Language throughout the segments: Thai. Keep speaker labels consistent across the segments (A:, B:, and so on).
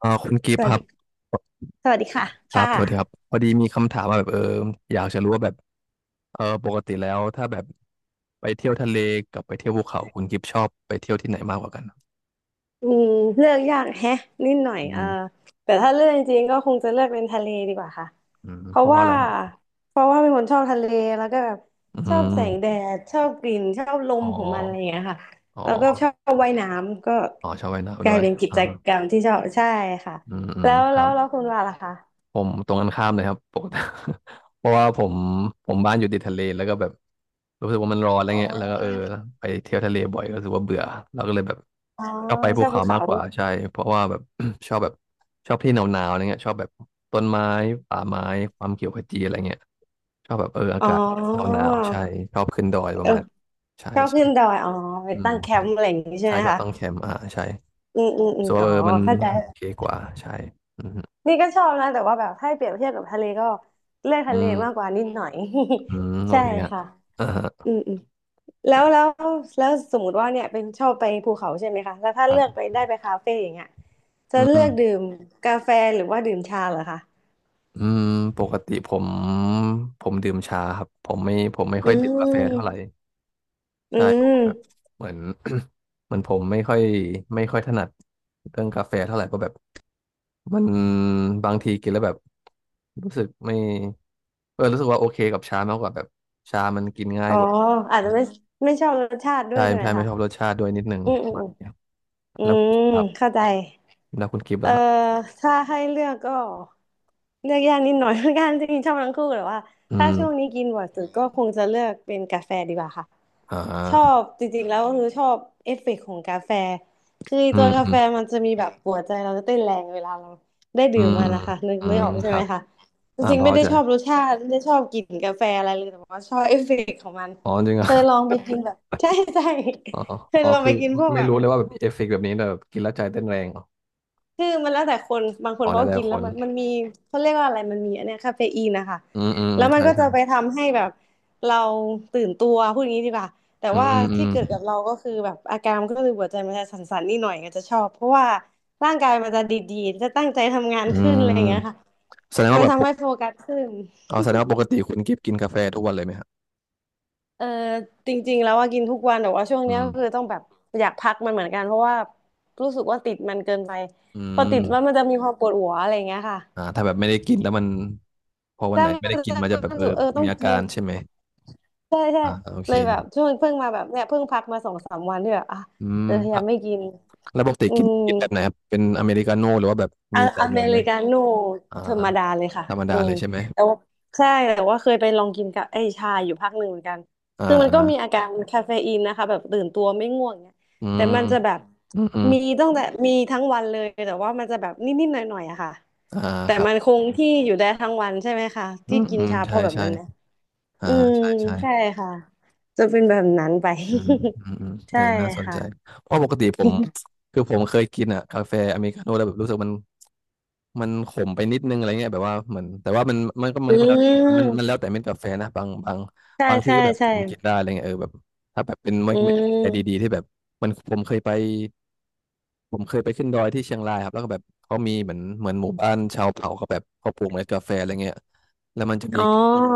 A: คุณกิ
B: ส
A: ฟต์
B: วั
A: ค
B: ส
A: รับ
B: ดี สวัสดีค่ะ
A: ครั
B: ค่
A: บสวัสดีครับ
B: ะ
A: พอดีมีคำถามมาแบบอยากจะรู้ว่าแบบปกติแล้วถ้าแบบไปเที่ยวทะเลกับไปเที่ยวภูเขาคุณกิฟต์ชอบไปเที่ยวที่ไหนมากกว่ากัน
B: อืมเลือกยากแฮะนิดหน่อย
A: อืม
B: แต่ถ้าเลือกจริงๆก็คงจะเลือกเป็นทะเลดีกว่าค่ะ
A: อืม
B: เพ
A: เพ
B: ราะ
A: ราะว่า
B: ว่า
A: อะไรครับ
B: เพราะว่าเป็นคนชอบทะเลแล้วก็แบบ
A: อื
B: ชอบ
A: ม
B: แสงแดดชอบกลิ่นชอบล
A: อ๋
B: ม
A: อ
B: ของมันอะไรอย่างเงี้ยค่ะ
A: อ๋อ
B: แล้วก็ชอบว่ายน้ำก็
A: อ๋อชอบว่าย
B: ก
A: น้ำ
B: ลา
A: ด้
B: ย
A: วย
B: เป็นกิ
A: อ่า
B: จกรรมที่ชอบใช่ค่ะ
A: อืมอื
B: แล้
A: ม
B: ว
A: ค
B: แล้
A: รั
B: ว
A: บ
B: แล้วคุณว่าล่ะคะ
A: ผมตรงกันข้ามเลยครับปกติ เพราะว่าผมบ้านอยู่ติดทะเลแล้วก็แบบรู้สึกว่ามันร้อนอะไร
B: อ๋
A: เงี้ยแล้วก็
B: อ
A: ไปเที่ยวทะเลบ่อยก็รู้สึกว่าเบื่อเราก็เลยแบบ
B: อ๋อ
A: ชอบไป
B: ช
A: ภู
B: อบภู
A: เขามา
B: เขา
A: กกว่าใช่เพราะว่าแบบ ชอบแบบชอบที่หนาวๆอะไรเงี้ยชอบแบบต้นไม้ป่าไม้ความเขียวขจีอะไรเงี้ยชอบแบบอา
B: อ๋
A: กาศห
B: อ
A: นาวๆใช่ชอบขึ้นดอยป
B: เอ
A: ระ
B: อ
A: มาณใช่
B: ชอบ
A: ใช่
B: ขึ้นดอยอ๋อไป
A: อืม
B: ตั้งแค
A: ใช่
B: มป์อะไรอย่างงี้ใช่
A: ใช่
B: ไหม
A: ชอบ
B: คะ
A: ตั้งแคมป์อ่าใช่
B: อืมอืมอืม
A: ส่วน
B: อ๋อ
A: ว่ามัน
B: เข้าใจแต
A: โอเค
B: ่
A: กว่าใช่อืม
B: นี่ก็ชอบนะแต่ว่าแบบถ้าให้เปรียบเทียบกับทะเลก็เลือก
A: อื
B: ทะเลมาก
A: ม
B: กว่านิดหน่อย
A: อืม โอ
B: ใช่
A: เคฮะ
B: ค่ะ
A: อ่า
B: อืมอืมแล้วแล้วแล้วสมมติว่าเนี่ยเป็นชอบไปภูเขาใช่ไหมคะแล้วถ้า
A: ค
B: เลือก
A: รับ
B: ไปได้ไปคาเฟ่อย่างเงี้ยจะ
A: อื
B: เลื
A: ม
B: อกดื่มกาแฟหรือว่าดื่มชาเหรอคะ
A: อืมปกติผม ผมดื่มชาครับ ผมไม่
B: อื
A: ค่อยดื่มกาแฟเท่าไหร่
B: มอื
A: ใช่ผม
B: ม
A: แบบเหมือน เหมือนผมไม่ค่อย ไม่ค่อยถนัดเรื่องกาแฟเท่าไหร่เพราะแบบมันบางทีกินแล้วแบบรู้สึกไม่รู้สึกว่าโอเคกับชามากกว่าแบบชามันกินง่า
B: อ๋
A: ย
B: อ
A: กว่า
B: อาจจะไม่ไม่ชอบรสชาติด้ว
A: ใช่
B: ยใช่ไหม
A: ใช่ไม่
B: คะ
A: ชอบรสชาติด้วยนิดหนึ่ง
B: อืม
A: ป
B: อื
A: ระ
B: มอื
A: มาณ
B: ม
A: เนี้ย
B: อื
A: แล้วคุณ
B: ม
A: ครับ
B: เข้าใจ
A: แล้วคุณกิฟต์
B: เอ่อ
A: ล่ะครับ
B: ถ้าให้เลือกก็เลือกยากนิดหน่อย เหมือนกันจริงๆชอบทั้งคู่แต่ว่า
A: อื
B: ถ้า
A: ม
B: ช่วงนี้กินบ่อยสุดก็คงจะเลือกเป็นกาแฟดีกว่าค่ะ
A: อ่
B: ชอ
A: า
B: บจริงๆแล้วก็คือชอบเอฟเฟกต์ของกาแฟคือ
A: อื
B: ตัว
A: ม
B: กา
A: อื
B: แฟ
A: ม
B: มันจะมีแบบหัวใจเราจะเต้นแรงเวลาเราได้
A: อื
B: ดื่ม
A: ม
B: มั
A: อื
B: น
A: ม
B: นะคะนึก
A: อื
B: นึก
A: ม
B: ออกใช่
A: ค
B: ไห
A: รั
B: ม
A: บ
B: คะจ
A: อ่า
B: ริง
A: พ
B: ๆ
A: อ
B: ไม่ได้
A: ใจ
B: ชอบรสชาติไม่ได้ชอบกลิ่นกาแฟอะไรเลยแต่ว่าชอบเอฟเฟกต์ของมัน
A: อ๋อจริง
B: เค
A: อ่ะ
B: ยลองไปกินแบบ ใช่ใช่
A: อ๋อ
B: เคย
A: อ๋อ
B: ลองไป
A: คือ
B: กินพวก
A: ไม่
B: แบบ
A: รู้เลยว่าแบบเอฟเฟกต์แบบนี้แต่แบบกินแล้วใจเต้นแรงเหรอ
B: คือมันแล้วแต่คนบางคน
A: อ๋อ
B: เขา
A: แล้ว
B: ก็
A: แต่
B: กิน
A: ค
B: แล้ว
A: น
B: มันมีเขาเรียกว่าอะไรมันมีอันเนี้ยคาเฟอีนนะคะ
A: อืมอืม
B: แล้วมัน
A: ใช่
B: ก็จะ
A: ใช่
B: ไปทำให้แบบเราตื่นตัวพูดอย่างนี้ดีกว่าแต่
A: อื
B: ว่า
A: มอื
B: ที่
A: ม
B: เกิดกับเราก็คือแบบอาการมันก็คือหัวใจมันจะสั่นๆนิดหน่อยก็จะชอบเพราะว่าร่างกายมันจะดีๆจะตั้งใจทำงาน
A: อื
B: ขึ้นอะไรอย่าง
A: ม
B: เงี้ยค่ะ
A: แสดง
B: มั
A: ว่า
B: น
A: แบบป
B: ทำให้
A: ก
B: โฟกัสขึ้น
A: อ๋อาแสดงว่าปกติคุณกิฟกินกาแฟทุกวันเลยไหมครับ
B: เออจริงๆแล้วว่ากินทุกวันแต่ว่าช่วง
A: อื
B: เนี้ย
A: ม
B: ก็คือต้องแบบอยากพักมันเหมือนกันเพราะว่ารู้สึกว่าติดมันเกินไป
A: อื
B: พอติ
A: ม
B: ดแล้วมันจะมีความปวดหัวอะไรอย่างเงี้ยค่ะ
A: อ่าถ้าแบบไม่ได้กินแล้วมันพอวัน
B: ใช่
A: ไหน
B: มั
A: ไม่ได้
B: น
A: กิน
B: จะ
A: มันจะแบบ
B: มันรู้สึกต้อ
A: มี
B: ง
A: อา
B: กิ
A: กา
B: น
A: รใช่ไหม
B: ใช่ใช่
A: อ่าโอ
B: เล
A: เค
B: ยแบบช่วงเพิ่งมาแบบเนี่ยเพิ่งพักมาสองสามวันที่แบบอ่ะ
A: อืม
B: จะพยา
A: อ่ะ
B: ยามไม่กิน
A: แล้วปกติ
B: อื
A: กิน
B: ม
A: กินแบบไหนครับเป็นอเมริกาโน่หรือว่าแบบ
B: อะ
A: มีใส่
B: อ
A: น
B: เม
A: มไหม
B: ริกาโน่
A: อ่า
B: ธรรมดาเลยค่ะ
A: ธรรม
B: อื
A: ดาเล
B: ม
A: ยใช่ไหม
B: แต่ว่าใช่แต่ว่าเคยไปลองกินกับไอ้ชาอยู่พักหนึ่งเหมือนกัน
A: อ่า
B: คือมัน
A: อ่า
B: ก็มีอาการคาเฟอีนนะคะแบบตื่นตัวไม่ง่วงเนี่ย
A: อื
B: แต่
A: ม
B: มันจะแบบ
A: อืมอืม
B: มีตั้งแต่มีทั้งวันเลยแต่ว่ามันจะแบบนิดๆหน่อยๆอะค่ะ
A: อ่า
B: แต่
A: ครับ
B: มันคงที่อยู่ได้ทั้งวันใช่ไหมคะ
A: อื
B: ที่
A: ม
B: กิน
A: อืม
B: ชาเพ
A: ใช่
B: ราะแบบ
A: ใช่
B: นั้นไหม
A: อ่า
B: อืม
A: ใช่ใช่
B: ใช่ค่ะจะเป็นแบบนั้นไป
A: อืมอืมอืม
B: ใช่
A: น่าสนใจ
B: ค่ะ
A: เพราะปกติผมคือผมเคยกินอ่ะกาแฟอเมริกาโน่แล้วแบบรู้สึกมันมันขมไปนิดนึงอะไรเงี้ยแบบว่าเหมือนแต่ว่ามันมันก็มั
B: อื
A: นก็แล้วแต่มัน
B: ม
A: แล้วแต่เม็ดกาแฟนะบางบาง
B: ใช่
A: บางที่
B: ใช่
A: ก็แบบ
B: ใช่
A: ผมกินได้อะไรเงี้ยแบบถ้าแบบเป็นเม็
B: อื
A: ดเม็ดกาแฟดี
B: ม
A: ๆที่แบบมันผมเคยไปขึ้นดอยที่เชียงรายครับแล้วก็แบบเขามีเหมือนเหมือนหมู่บ้านชาวเผ่าก็แบบเขาปลูกเมล็ดกาแฟอะไรเงี้ยแล้วมันจะ
B: อ๋
A: มี
B: อ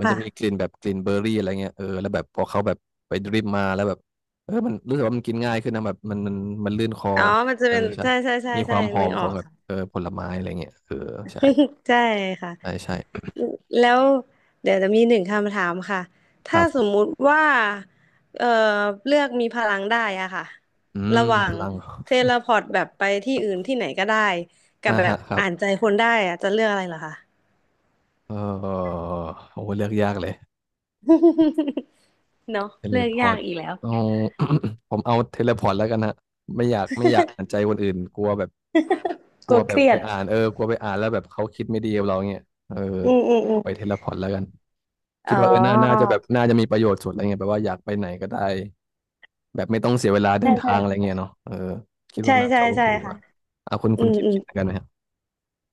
A: มันจะ
B: ค่ะ
A: มีกลิ่นแบบกลิ่นเบอร์รี่อะไรเงี้ยแล้วแบบพอเขาแบบไปดริปมาแล้วแบบมันรู้สึกว่ามันกินง่ายขึ้นนะแบบมันมันลื่นคอ
B: อ๋อมันจะเป็น
A: ใช่
B: ใช่ใช่ใช่
A: มีค
B: ใช่
A: วามหอ
B: นึ
A: ม
B: กอ
A: ข
B: อ
A: อง
B: ก
A: แบบ ผลไม้อะไรเงี้ยใช่
B: ใช่ค่ะ
A: ใช่ใช่
B: แล้วเดี๋ยวจะมีหนึ่งคำถามค่ะ
A: ค
B: ถ้า
A: รั
B: ส
A: บ
B: มมุติว่าเอ่อเลือกมีพลังได้อะค่ะ
A: อืม
B: ระหว่า
A: พ
B: ง
A: ลัง
B: เทเลพอร์ตแบบไปที่อื่นที่ไหนก็ได้กับ
A: อ่า
B: แบบ
A: ฮะครับ
B: อ่านใจคนได้อะจะเลือกอะไรเหรอคะ
A: เออโอ้เลือกยากเลย
B: เนาะ
A: เทเล
B: เลือก
A: พอ
B: ยา
A: ร์
B: ก
A: ต
B: อีกแล้ว
A: เอา ผมเอาเทเลพอร์ตแล้วกันฮะไม่อยากอ่านใจคนอื่นกลัวแบบก
B: ก
A: ลั
B: ลั
A: ว
B: ว
A: แบ
B: เค
A: บ
B: รี
A: ไป
B: ยด
A: อ่านกลัวไปอ่านแล้วแบบเขาคิดไม่ดีกับเราเงี้ยเออ
B: อืมอืมอื
A: เอา
B: ม
A: ไปเทเลพอร์ตแล้วกัน
B: อ๋
A: คิดว่าน่าน่า
B: อ
A: จะแบบน่าจะมีประโยชน์สุดอะไรเงี้ยแบบว่าอยากไปไหนก็ได้แบบไม่ต้องเสียเวลาเดิ
B: ใช่
A: น
B: ใช่
A: ทางอะไรเงี้ยเนาะเออคิด
B: ใช่
A: ว่าน่า
B: ใช่
A: จะโอ
B: ใช่
A: เคก
B: ค่ะ
A: ว่าอ่ะคุณ
B: อื
A: คุณ
B: ม
A: คิด
B: อืม
A: คิดเหมือนกันไหมครับ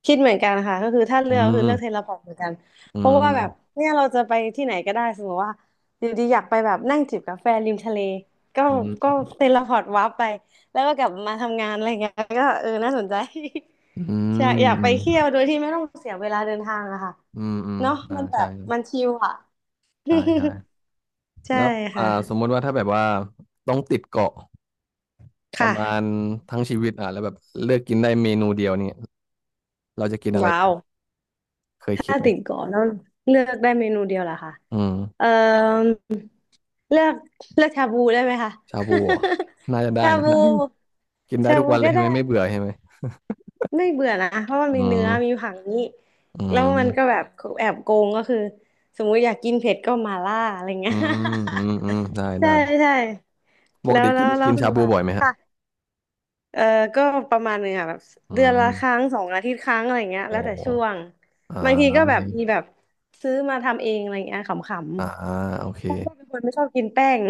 B: คิดเหมือนกันค่ะก็คือถ้าเลื
A: อื
B: อกก็คื
A: ม
B: อเลือกเทเลพอร์ตเหมือนกัน
A: อื
B: เพราะ
A: ม
B: ว่าแบบเนี่ยเราจะไปที่ไหนก็ได้สมมติว่าอยู่ดีอยากไปแบบนั่งจิบกาแฟริมทะเลก็
A: อื
B: ก็
A: ม
B: เทเลพอร์ตวาร์ปไปแล้วก็กลับมาทำงานอะไรเงี้ยก็เออน่าสนใจ
A: อื
B: อยาก
A: ม
B: อยาก
A: อื
B: ไป
A: ม
B: เที่ยวโดยที่ไม่ต้องเสียเวลาเดินทางอะค่ะ
A: อืมอืม
B: เนาะ
A: อ่า
B: มันแบ
A: ใช่
B: บมันชิลอะ
A: ใช่ใช่
B: ใช่
A: แล้วอ่า
B: ค่ะ
A: สมมติว่าถ้าแบบว่าต้องติดเกาะ
B: ค
A: ประมาณ
B: ่ะ
A: ทั้งชีวิตอ่ะแล้วแบบเลือกกินได้เมนูเดียวเนี่ยเราจะกินอะไร
B: ว้าว
A: เคยคิ
B: ถ้า
A: ดไหม
B: ติ่งเกาะต้องเลือกได้เมนูเดียวเหรอคะ
A: อืม
B: เอ่อเลือกเลือกชาบูได้ไหมคะ
A: ชาบูเหรอน่าจะ ได้
B: ชา
A: นะ
B: บู
A: น่ากินได้
B: ชา
A: ทุก
B: บู
A: วันเลย
B: ก็
A: ใช่ไหม
B: ได้
A: ไม่เบื่อใช่ไหม
B: ไม่เบื่อนะ เพราะมัน
A: อื
B: มีเนื้อมี
A: ม
B: ผักนี้
A: อื
B: แล้วมันก็
A: ม
B: แบบแอบโกงก็คือสมมุติอยากกินเผ็ดก็มาล่าอะไรเงี้
A: อื
B: ย
A: มอืมอืมได้
B: ใช่
A: ได้
B: ใช่
A: ปก
B: แล้ว
A: ติ
B: แล้
A: กิน
B: วแล้ว
A: กิน
B: คุ
A: ชา
B: ณ
A: บู
B: ว่า
A: บ่อยไหมฮะ
B: เออก็ประมาณหนึงค่ะแบบ
A: อื
B: เดือน
A: ม
B: ละครั้งสองอาทิตย์ครั้งอะไรเงี้ยแล้
A: โอ้
B: วแต่ช่วง
A: อ่า
B: บางทีก็
A: โอ
B: แบ
A: เค
B: บมีแบบซื้อมาทำเองอะไรเงี้ยขำ
A: อ่าโอเค
B: ๆเพราะว่าเป็นคนไม่ชอบกินแป้ง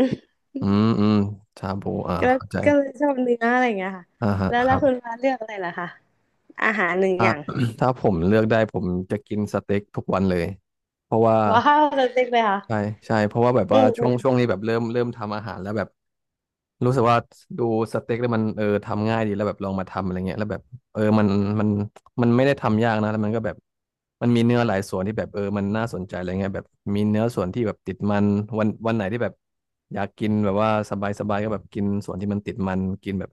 A: อืมอืมชาบูอ่า
B: ก็
A: เข้าใจ
B: ก็เลยชอบเนื้ออะไรเงี้ยค่ะ
A: อ่าฮะ
B: แล้ว
A: ค
B: แล้ว
A: รั
B: คุณ
A: บ
B: ฟ้าเลือกอะไรล่ะคะอาหารหนึ่งอย่าง
A: ถ้าผมเลือกได้ผมจะกินสเต็กทุกวันเลย เพราะว่า
B: ว้าวเล็กๆเลยค่ะ
A: ใช่ใช่เพราะว่าแบบ
B: อื
A: ว่า
B: ม
A: ช่
B: อื
A: วง
B: ม
A: ช่วงนี้แบบเริ่มทำอาหารแล้วแบบ รู้สึกว่าดูสเต็กแล้วมันเออทำง่ายดีแล้วแบบลองมาทำอะไรเงี้ยแล้วแบบเออมันมันไม่ได้ทำยากนะแล้วมันก็แบบมันมีเนื้อหลายส่วนที่แบบเออมันน่าสนใจอะไรเงี้ยแบบมีเนื้อส่วนที่แบบติดมันวันไหนที่แบบอยากกินแบบว่าสบายสบายก็แบบกินส่วนที่มันติดมันกินแบบ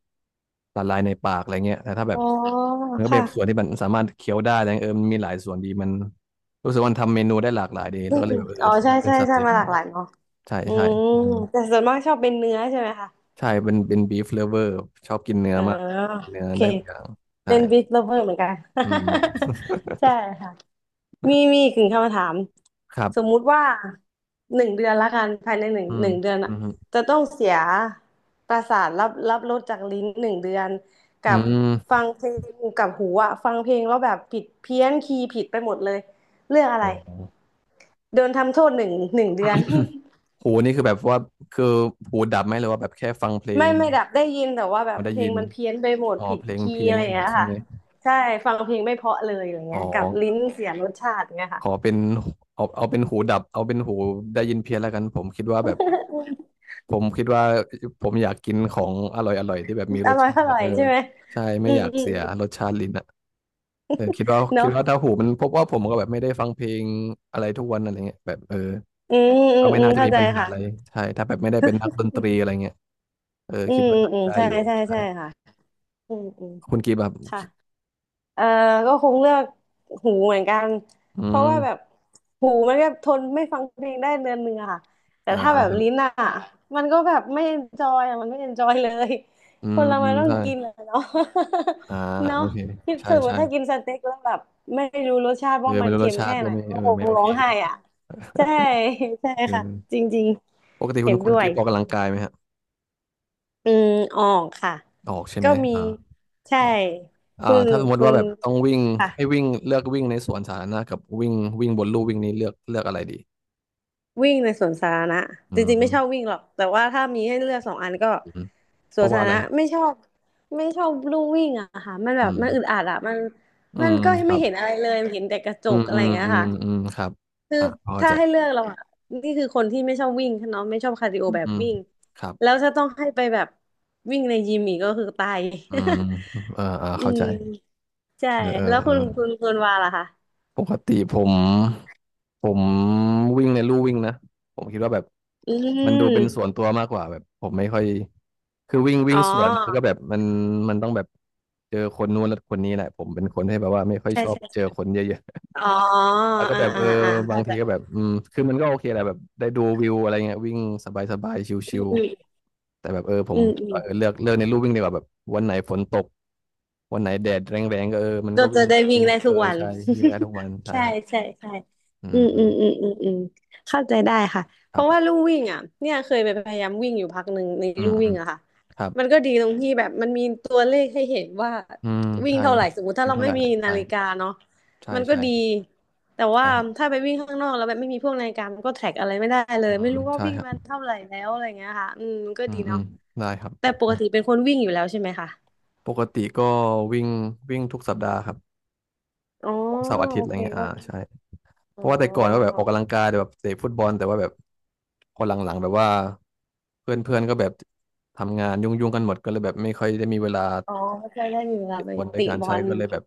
A: ละลายในปากอะไรเงี้ยแต่ถ้าแบ
B: อ๋
A: บ
B: อ
A: มันก็แบ
B: ค่ะ
A: บส่วนที่มันสามารถเคี้ยวได้อะไรเงี้ยเออมันมีหลายส่วนดีมันรู้สึกว่ามันทำเมนูได้หลากหลายดี
B: อื
A: แล้ว
B: ม
A: ก็เล
B: อื
A: ย
B: ม
A: แบบเอ
B: อ๋อ
A: อ
B: ใช่
A: เลือกเป็น
B: ใช่
A: ส
B: ใช่
A: เต็ก
B: มาหลากหลายเนาะ
A: ใช่
B: อื
A: ใช่
B: ม
A: อืม
B: แต่ส่วนมากชอบเป็นเนื้อใช่ไหมคะ
A: ใช่เป็นบีฟเลเวอร์ชอบกินเนื้อ
B: อ๋อ
A: มากเนื้อ
B: โอเค
A: ได้ทุกอย่างใช่
B: เป็นบิ๊ก lover เหมือนกัน
A: อืม
B: ใช่ค่ะมีอีกหนึ่งคำถาม
A: ครับ
B: สมมุติว่าหนึ่งเดือนละกันภายในหนึ่ง
A: อืม
B: หนึ่งเดือน
A: อื
B: อะ
A: ม
B: จะต้องเสียประสาทรับรสจากลิ้นหนึ่งเดือน
A: อื
B: กับฟั
A: ม
B: งเพลงกับหูอะฟังเพลงแล้วแบบผิดเพี้ยนคีย์ผิดไปหมดเลยเรื่องอะไร
A: โอ้โห
B: โดนทำโทษหนึ่งเดือน
A: หูนี่คือแบบว่าคือหูดับไหมหรือว่าแบบแค่ฟังเพล
B: ไม่
A: ง
B: ไม่ดับได้ยินแต่ว่าแบ
A: พ
B: บ
A: อได้
B: เพล
A: ยิ
B: ง
A: น
B: มันเพี้ยนไปหมด
A: อ๋อ
B: ผิด
A: เพลง
B: คี
A: เพี้
B: ย์
A: ยน
B: อะไร
A: ไม่
B: อย่า
A: ห
B: ง
A: มด
B: เงี้ย
A: ใช่ไห
B: ค่ะ
A: ม
B: ใช่ฟังเพลงไม่เพราะเลยอย่างเงี้
A: อ๋อ
B: ยกับลิ้นเสียรสชาติอย่างเงี้ยค่ะ
A: ขอเป็นเอาเป็นหูดับเอาเป็นหูได้ยินเพี้ยนแล้วกันผมคิดว่าแบบผมคิดว่าผมอยากกินของอร่อยอร่อยที่แบบมี
B: อ
A: รส
B: ร่อย
A: ชา
B: อ
A: ติ
B: ร่อ
A: อะ
B: ย
A: เออ
B: ใช่ไหม
A: ใช่
B: อื
A: ไม่
B: ม
A: อยาก
B: อื
A: เสีย
B: ม
A: รสชาติลิ้นอะ เออคิดว่าคิ
B: เนาะ
A: ดว่าถ้าหูมันพบว่าผมก็แบบไม่ได้ฟังเพลงอะไรทุกวันอะไรเงี้ยแบบเออ
B: อืมอื
A: ก็
B: ม
A: ไม่
B: อืม
A: น่าจะ
B: เข้า
A: มี
B: ใจ
A: ปัญหา
B: ค่ะ
A: อะไรใช่ถ้าแบบไม่ได้เป็นนักดนตรีอะไรเงี้ยเออ
B: อื
A: คิด
B: ม
A: ว่า
B: อืม
A: น่า
B: อื
A: จะ
B: ม
A: ได้
B: ใช่
A: อยู่
B: ใช่
A: ใช่
B: ใช่ค่ะอืมอืม
A: คุณกีบแบบ
B: ค่ะ เออก็คงเลือกหูเหมือนกัน
A: อื
B: เพราะว่าแบบ
A: ม
B: หูมันก็ทนไม่ฟังเพลงได้เดือนหนึ่งอะค่ะแต่
A: อ่า
B: ถ้าแบบ
A: ครั
B: ลิ้น
A: บ
B: อะมันก็แบบไม่เอนจอยอะมันไม่เอนจอยเลย
A: อื
B: ค
A: ม
B: นเรา
A: อื
B: มัน
A: ม
B: ต้อง
A: ใช่
B: กินอะเนาะ
A: อ่า
B: เนาะ
A: โอเค
B: คิด
A: ใช่
B: ถึงว่า
A: ใช่
B: ถ้ากินสเต็กแล้วแบบไม่รู้รสชาติ
A: เออ
B: ว่ามั
A: ไม่
B: น
A: รู้ร
B: เค็
A: ส
B: ม
A: ชา
B: แค่
A: ติ
B: ไห
A: ก็
B: น
A: ไม่
B: ก็
A: เออ
B: คง
A: ไม่โอ
B: ร้อ
A: เค
B: งไห้อะใช่ใช่
A: เอ
B: ค่ะ
A: อ
B: จริง
A: ปกติ
B: ๆ
A: คุ
B: เห็
A: ณ
B: น
A: คุ
B: ด้
A: ณ
B: วย
A: กีบออกกำลังกายไหมฮะ
B: อืมออกค่ะ
A: ออกใช่
B: ก็
A: ไหม
B: มี
A: อ่า
B: ใช่
A: ออกอ่า
B: คุณ
A: ถ้าสมมติ
B: คุ
A: ว่า
B: ณ
A: แบบต้องวิ่ง
B: ค่ะ
A: ให้วิ่งเลือกวิ่งในสวนสาธารณะกับวิ่งวิ่งบนลู่วิ่งนี้เลือกอะไรดี
B: วิ่งในสวนสาธารณะ
A: อื
B: จริงๆไม่ชอบ
A: ม
B: วิ่งหรอกแต่ว่าถ้ามีให้เลือกสองอันก็
A: อืม
B: ส
A: เพ
B: วน
A: ราะ
B: สา
A: ว่า
B: ธา
A: อะ
B: ร
A: ไร
B: ณะไม่ชอบไม่ชอบลู่วิ่งอะค่ะมันแบ
A: อื
B: บมั
A: ม
B: นอึดอัดอะมัน
A: อื
B: มัน
A: ม
B: ก็
A: ค
B: ไม่
A: รับ
B: เห็นอะไรเลยเห็นแต่กระจ
A: อื
B: ก
A: ม
B: อะ
A: อื
B: ไรอ
A: ม
B: ย่างเงี้ย
A: อืม
B: ค่ะ
A: อืมครับ
B: คือ
A: อ่ะเข้า
B: ถ้า
A: ใจ
B: ให้เลือกเราอะนี่คือคนที่ไม่ชอบวิ่งเนาะไม่ชอบคาร์ดิโอ
A: อื
B: แบบ
A: ม
B: วิ่ง
A: ครับ
B: แล้วถ้าต้องให้ไปแบบวิ่งในยิมอีกก็คือตาย
A: อืมเออเออ
B: อื
A: เข้าใจ
B: มใช่
A: เออเอ
B: แล้
A: อ
B: ว
A: เอ
B: คุ
A: อ
B: ณคุณคุณวาล่ะคะ
A: ปกติผมวิ่งในลู่วิ่งนะผมคิดว่าแบบ
B: อื
A: มันดูเป็นส่ว
B: ม
A: นตัวมากกว่าแบบผมไม่ค่อยคือวิ่ง
B: อ๋
A: วิ่
B: อ
A: งสวนมันก็แบบมันมันต้องแบบเจอคนนู้นแล้วคนนี้แหละผมเป็นคนที่แบบว่าไม่ค่อย
B: ใช่
A: ชอบ
B: ใช่
A: เจอคนเยอะ
B: อ๋อ
A: แล้วก็
B: อ่า
A: แบบ
B: อ่า
A: เออ
B: อ่า
A: บา
B: เข้า
A: ง
B: ใจ
A: ทีก็แบบอืมคือมันก็โอเคแหละแบบได้ดูวิวอะไรเงี้ยวิ่งสบายสบาย
B: อ
A: ชิว
B: ืม
A: ๆแต่แบบเออผ
B: อื
A: ม
B: มอืม
A: เออเลือกในลู่วิ่งดีกว่าแบบวันไหนฝนตกวันไหนแดดแรงๆก็เออมัน
B: ก็
A: ก็
B: จะ
A: วิ่ง
B: ได้วิ่งได้
A: เอ
B: ทุ
A: อ
B: กวัน
A: ใช่วิ่งได้ทุกวัน ใช่
B: ใช่
A: ฮะ
B: ใช่ใช่
A: อื
B: อื
A: ม
B: ม
A: อื
B: อื
A: ม
B: มอืมอืมอืมเข้าใจได้ค่ะเพ
A: ครั
B: ราะว่า
A: บ
B: ลู่วิ่งอ่ะเนี่ยเคยไปพยายามวิ่งอยู่พักหนึ่งใน
A: อื
B: ลู่
A: มอื
B: วิ่ง
A: ม
B: อะค่ะ
A: ครับ
B: มันก็ดีตรงที่แบบมันมีตัวเลขให้เห็นว่า
A: อืม
B: วิ่ง
A: ใช่
B: เท่า
A: ครั
B: ไห
A: บ
B: ร่สมมติถ้า
A: วิ่ง
B: เรา
A: เท่า
B: ไม่
A: ไหร่
B: มีนา
A: ใช่
B: ฬิกาเนาะ
A: ใช่
B: มันก็
A: ใช่
B: ดีแต่ว่า
A: ใช่ฮะ
B: ถ้าไปวิ่งข้างนอกแล้วแบบไม่มีพวกนาฬิกามันก็แทร็กอะไรไม่ได้เล
A: อื
B: ยไม่
A: ม
B: รู้ว่า
A: ใช่
B: วิ่ง
A: ฮะ
B: มันเท่าไหร่แล้วอะไรเงี้ยค่ะอืมมันก็
A: อื
B: ดี
A: มอื
B: เนาะ
A: มได้ครับ
B: แต่ปกติเป็นคนวิ่งอยู่แล้วใช่ไหมคะ
A: ปกติก็วิ่งวิ่งทุกสัปดาห์ครับ
B: อ๋อ
A: ทุกเสาร์อาทิต
B: โอ
A: ย์อะไร
B: เค
A: เงี้ยอ่าใช่ เพ
B: อ๋อ
A: ราะว่าแต่ก่อนก็แบบออกกำลังกายแต่แบบเตะฟุตบอลแต่ว่าแบบพอหลังๆแบบว่าเพื่อนๆก็แบบทำงานยุ่งๆกันหมดก็เลยแบบไม่ค่อยได้มีเวลา
B: อ๋อไม่ค่อยได้มีเวลา
A: เตะ
B: ไป
A: บอลด้ว
B: ติ
A: ยการ
B: บอ
A: ใช้
B: ล
A: ก็เลยแบบ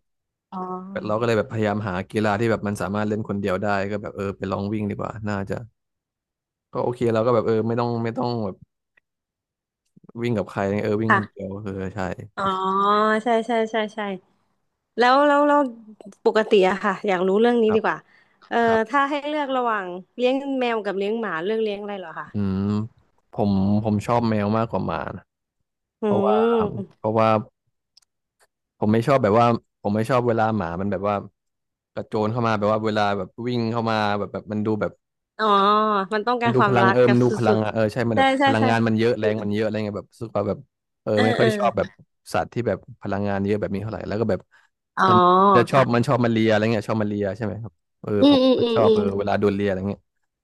B: อ๋อ
A: เราก็เลยแบบพยายามหากีฬาที่แบบมันสามารถเล่นคนเดียวได้ก็แบบเออไปลองวิ่งดีกว่าน่าจะก็โอเคเราก็แบบเออไม่ ต้องไม่ต้องแบบวิ่งกับใครเออวิ่งค
B: ค่ะ
A: นเดียวเออใช่
B: อ๋อใช่ใช่ใช่ใช่แล้วปกติอะค่ะอยากรู้เรื่องนี้
A: ครั
B: ดี
A: บ
B: กว่าเอ่อ
A: ครับ
B: ถ้าให้เลือกระหว่างเลี้ยงแมวกับเลี้ยงหมาเลือกเลี้ยงอะไรเหรอคะ
A: อืมผมผมชอบแมวมากกว่าหมานะ
B: อื
A: เพราะว่า
B: ม
A: เพราะว่า ผมไม่ชอบแบบว่าผมไม่ชอบเวลาหมามันแบบว่ากระโจนเข้ามาแบบว่าเวลาแบบวิ่งเข้ามาแบบแบบมันดูแบบ
B: อ๋อมันต้อง
A: มั
B: กา
A: น
B: ร
A: ดู
B: ควา
A: พ
B: ม
A: ลัง
B: รัก
A: เอิม
B: กับ
A: นดู
B: ส
A: พลั
B: ุ
A: ง
B: ด
A: อะเออใช่มั
B: ๆ
A: นแบ
B: ใช่
A: บ
B: ใช่
A: พลัง
B: ใช่
A: งานมันเยอะ
B: อื
A: แร
B: ม
A: ง
B: อื
A: มั
B: ม
A: นเยอะอะไรเงี้ยแบบรู้สึกว่าแบบเออ
B: เออ
A: ไม่ค่
B: เอ
A: อ
B: อ
A: ยชอบแบบสัตว์ที่แบบพลังงานเยอะแบบนี้เท่าไหร่แล้วก็แบบ
B: อ๋อ
A: มันจะชอบมั
B: ค่ะ
A: นชอบมาเลียอะไรเงี้ยชอบมาเลียใช่ไหมครับเออ
B: อื
A: ผ
B: ม
A: ม
B: อืม
A: ก็
B: อืม
A: ชอบ
B: อื
A: เอ
B: ม
A: อเวลาโดนเลียอะไรเงี้ย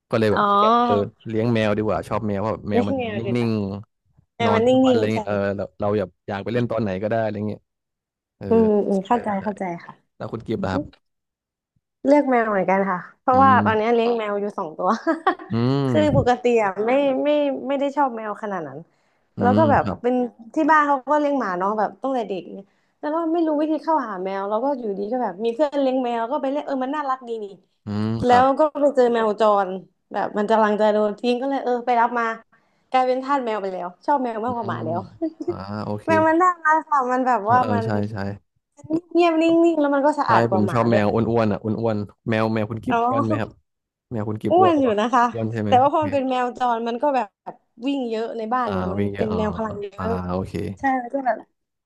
A: ก็เลยแบ
B: อ๋
A: บ
B: อ
A: คิดว่าเออเลี้ยงแมวดีกว่าชอบแมวเพราะแบบแม
B: เลี้
A: ว
B: ยง
A: มัน
B: แมวดีก
A: นิ่ง
B: ว่า
A: ๆน
B: แต่
A: อน
B: มัน
A: ทั้งวัน
B: นิ่
A: อะ
B: ง
A: ไร
B: ๆ
A: เงี้
B: ใช่
A: ยเออเราอยากอยากไปเล่นตอนไหนก็ได้อะไรเงี้ยเออ
B: อืมอืม
A: ใช่
B: เข้าใจ
A: ใช่
B: เข้าใจค่ะ
A: แล้วคุณกิฟต์ล่ะครับ
B: เลือกแมวเหมือนกันค่ะเพ
A: อื
B: ราะว่า
A: ม
B: ตอนนี้เลี้ยงแมวอยู่สองตัว
A: อื
B: คือปก
A: ม
B: ติอ่ะไม่ไม่ไม่ได้ชอบแมวขนาดนั้น
A: อื
B: แล้ว
A: ม
B: ก็แบบ
A: ครับ
B: เป็นที่บ้านเขาก็เลี้ยงหมาเน้องแบบตั้งแต่เด็กเนี่ยแล้วก็ไม่รู้วิธีเข้าหาแมวแล้วก็อยู่ดีก็แบบมีเพื่อนเลี้ยงแมวก็ไปเล่นเออมันน่ารักดีนี่
A: อืมค
B: แล้
A: รับ
B: วก็ไปเจอแมวจรแบบมันกำลังจะโดนทิ้งก็เลยเออไปรับมากลายเป็นทาสแมวไปแล้วชอบแมว
A: อื
B: มากกว่าหมา
A: ม
B: แล้ว
A: อ่าโอเค
B: แมวมันน่ารักค่ะมันแบบ
A: เออ
B: ว่า
A: เออ
B: มัน
A: ใช่ ใช่ครับ
B: เงียบๆนิ่งๆแล้วมันก็สะ
A: ใช่
B: อาดก
A: ผ
B: ว่า
A: ม
B: ห
A: ช
B: มา
A: อบ
B: ด้
A: แม
B: วย
A: วอ้วนๆอ่ะอ้วนๆแมวแมวคุณกิ
B: อ๋
A: ฟ
B: อ
A: อ้วนไหมครับแมวคุณกิฟ
B: อ้
A: อ้
B: ว
A: วน
B: น
A: หรือ
B: อ
A: เป
B: ยู่
A: ล่า
B: นะคะ
A: อ้วนใช่ไหม
B: แต่ว่า
A: โอ
B: พอ
A: เค
B: มันเป็นแมวจรมันก็แบบวิ่งเยอะในบ้าน
A: อ่า
B: เนี่ยมัน
A: วิ่งเย
B: เป็
A: อะ
B: น
A: อ๋อ
B: แมวพลังเย
A: อ่า
B: อะ
A: โอเค
B: ใช่มันก็แบบ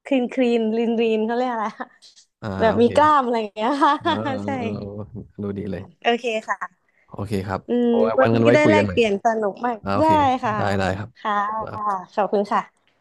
B: คลีนคลีนรีนรีนเขาเรียกอะไรอะ
A: อ่า
B: แบบ
A: โอ
B: มี
A: เค
B: กล้ามอะไรอย่างเงี้ย
A: เออเออ
B: ใช่
A: เออดูดีเลย
B: โอเคค่ะ
A: โอเคครับ
B: อืม
A: เอาไว้
B: วั
A: วั
B: น
A: นกัน
B: นี้
A: ไว้
B: ได้
A: คุย
B: แล
A: กัน
B: ก
A: หน่อ
B: เป
A: ย
B: ลี่ยนสนุกมาก
A: อ่าโอ
B: ได้
A: เค
B: ค่ะ
A: ได้ได้ครับ
B: ค่ะ
A: ขอบคุณครับ
B: ขอบคุณค่ะ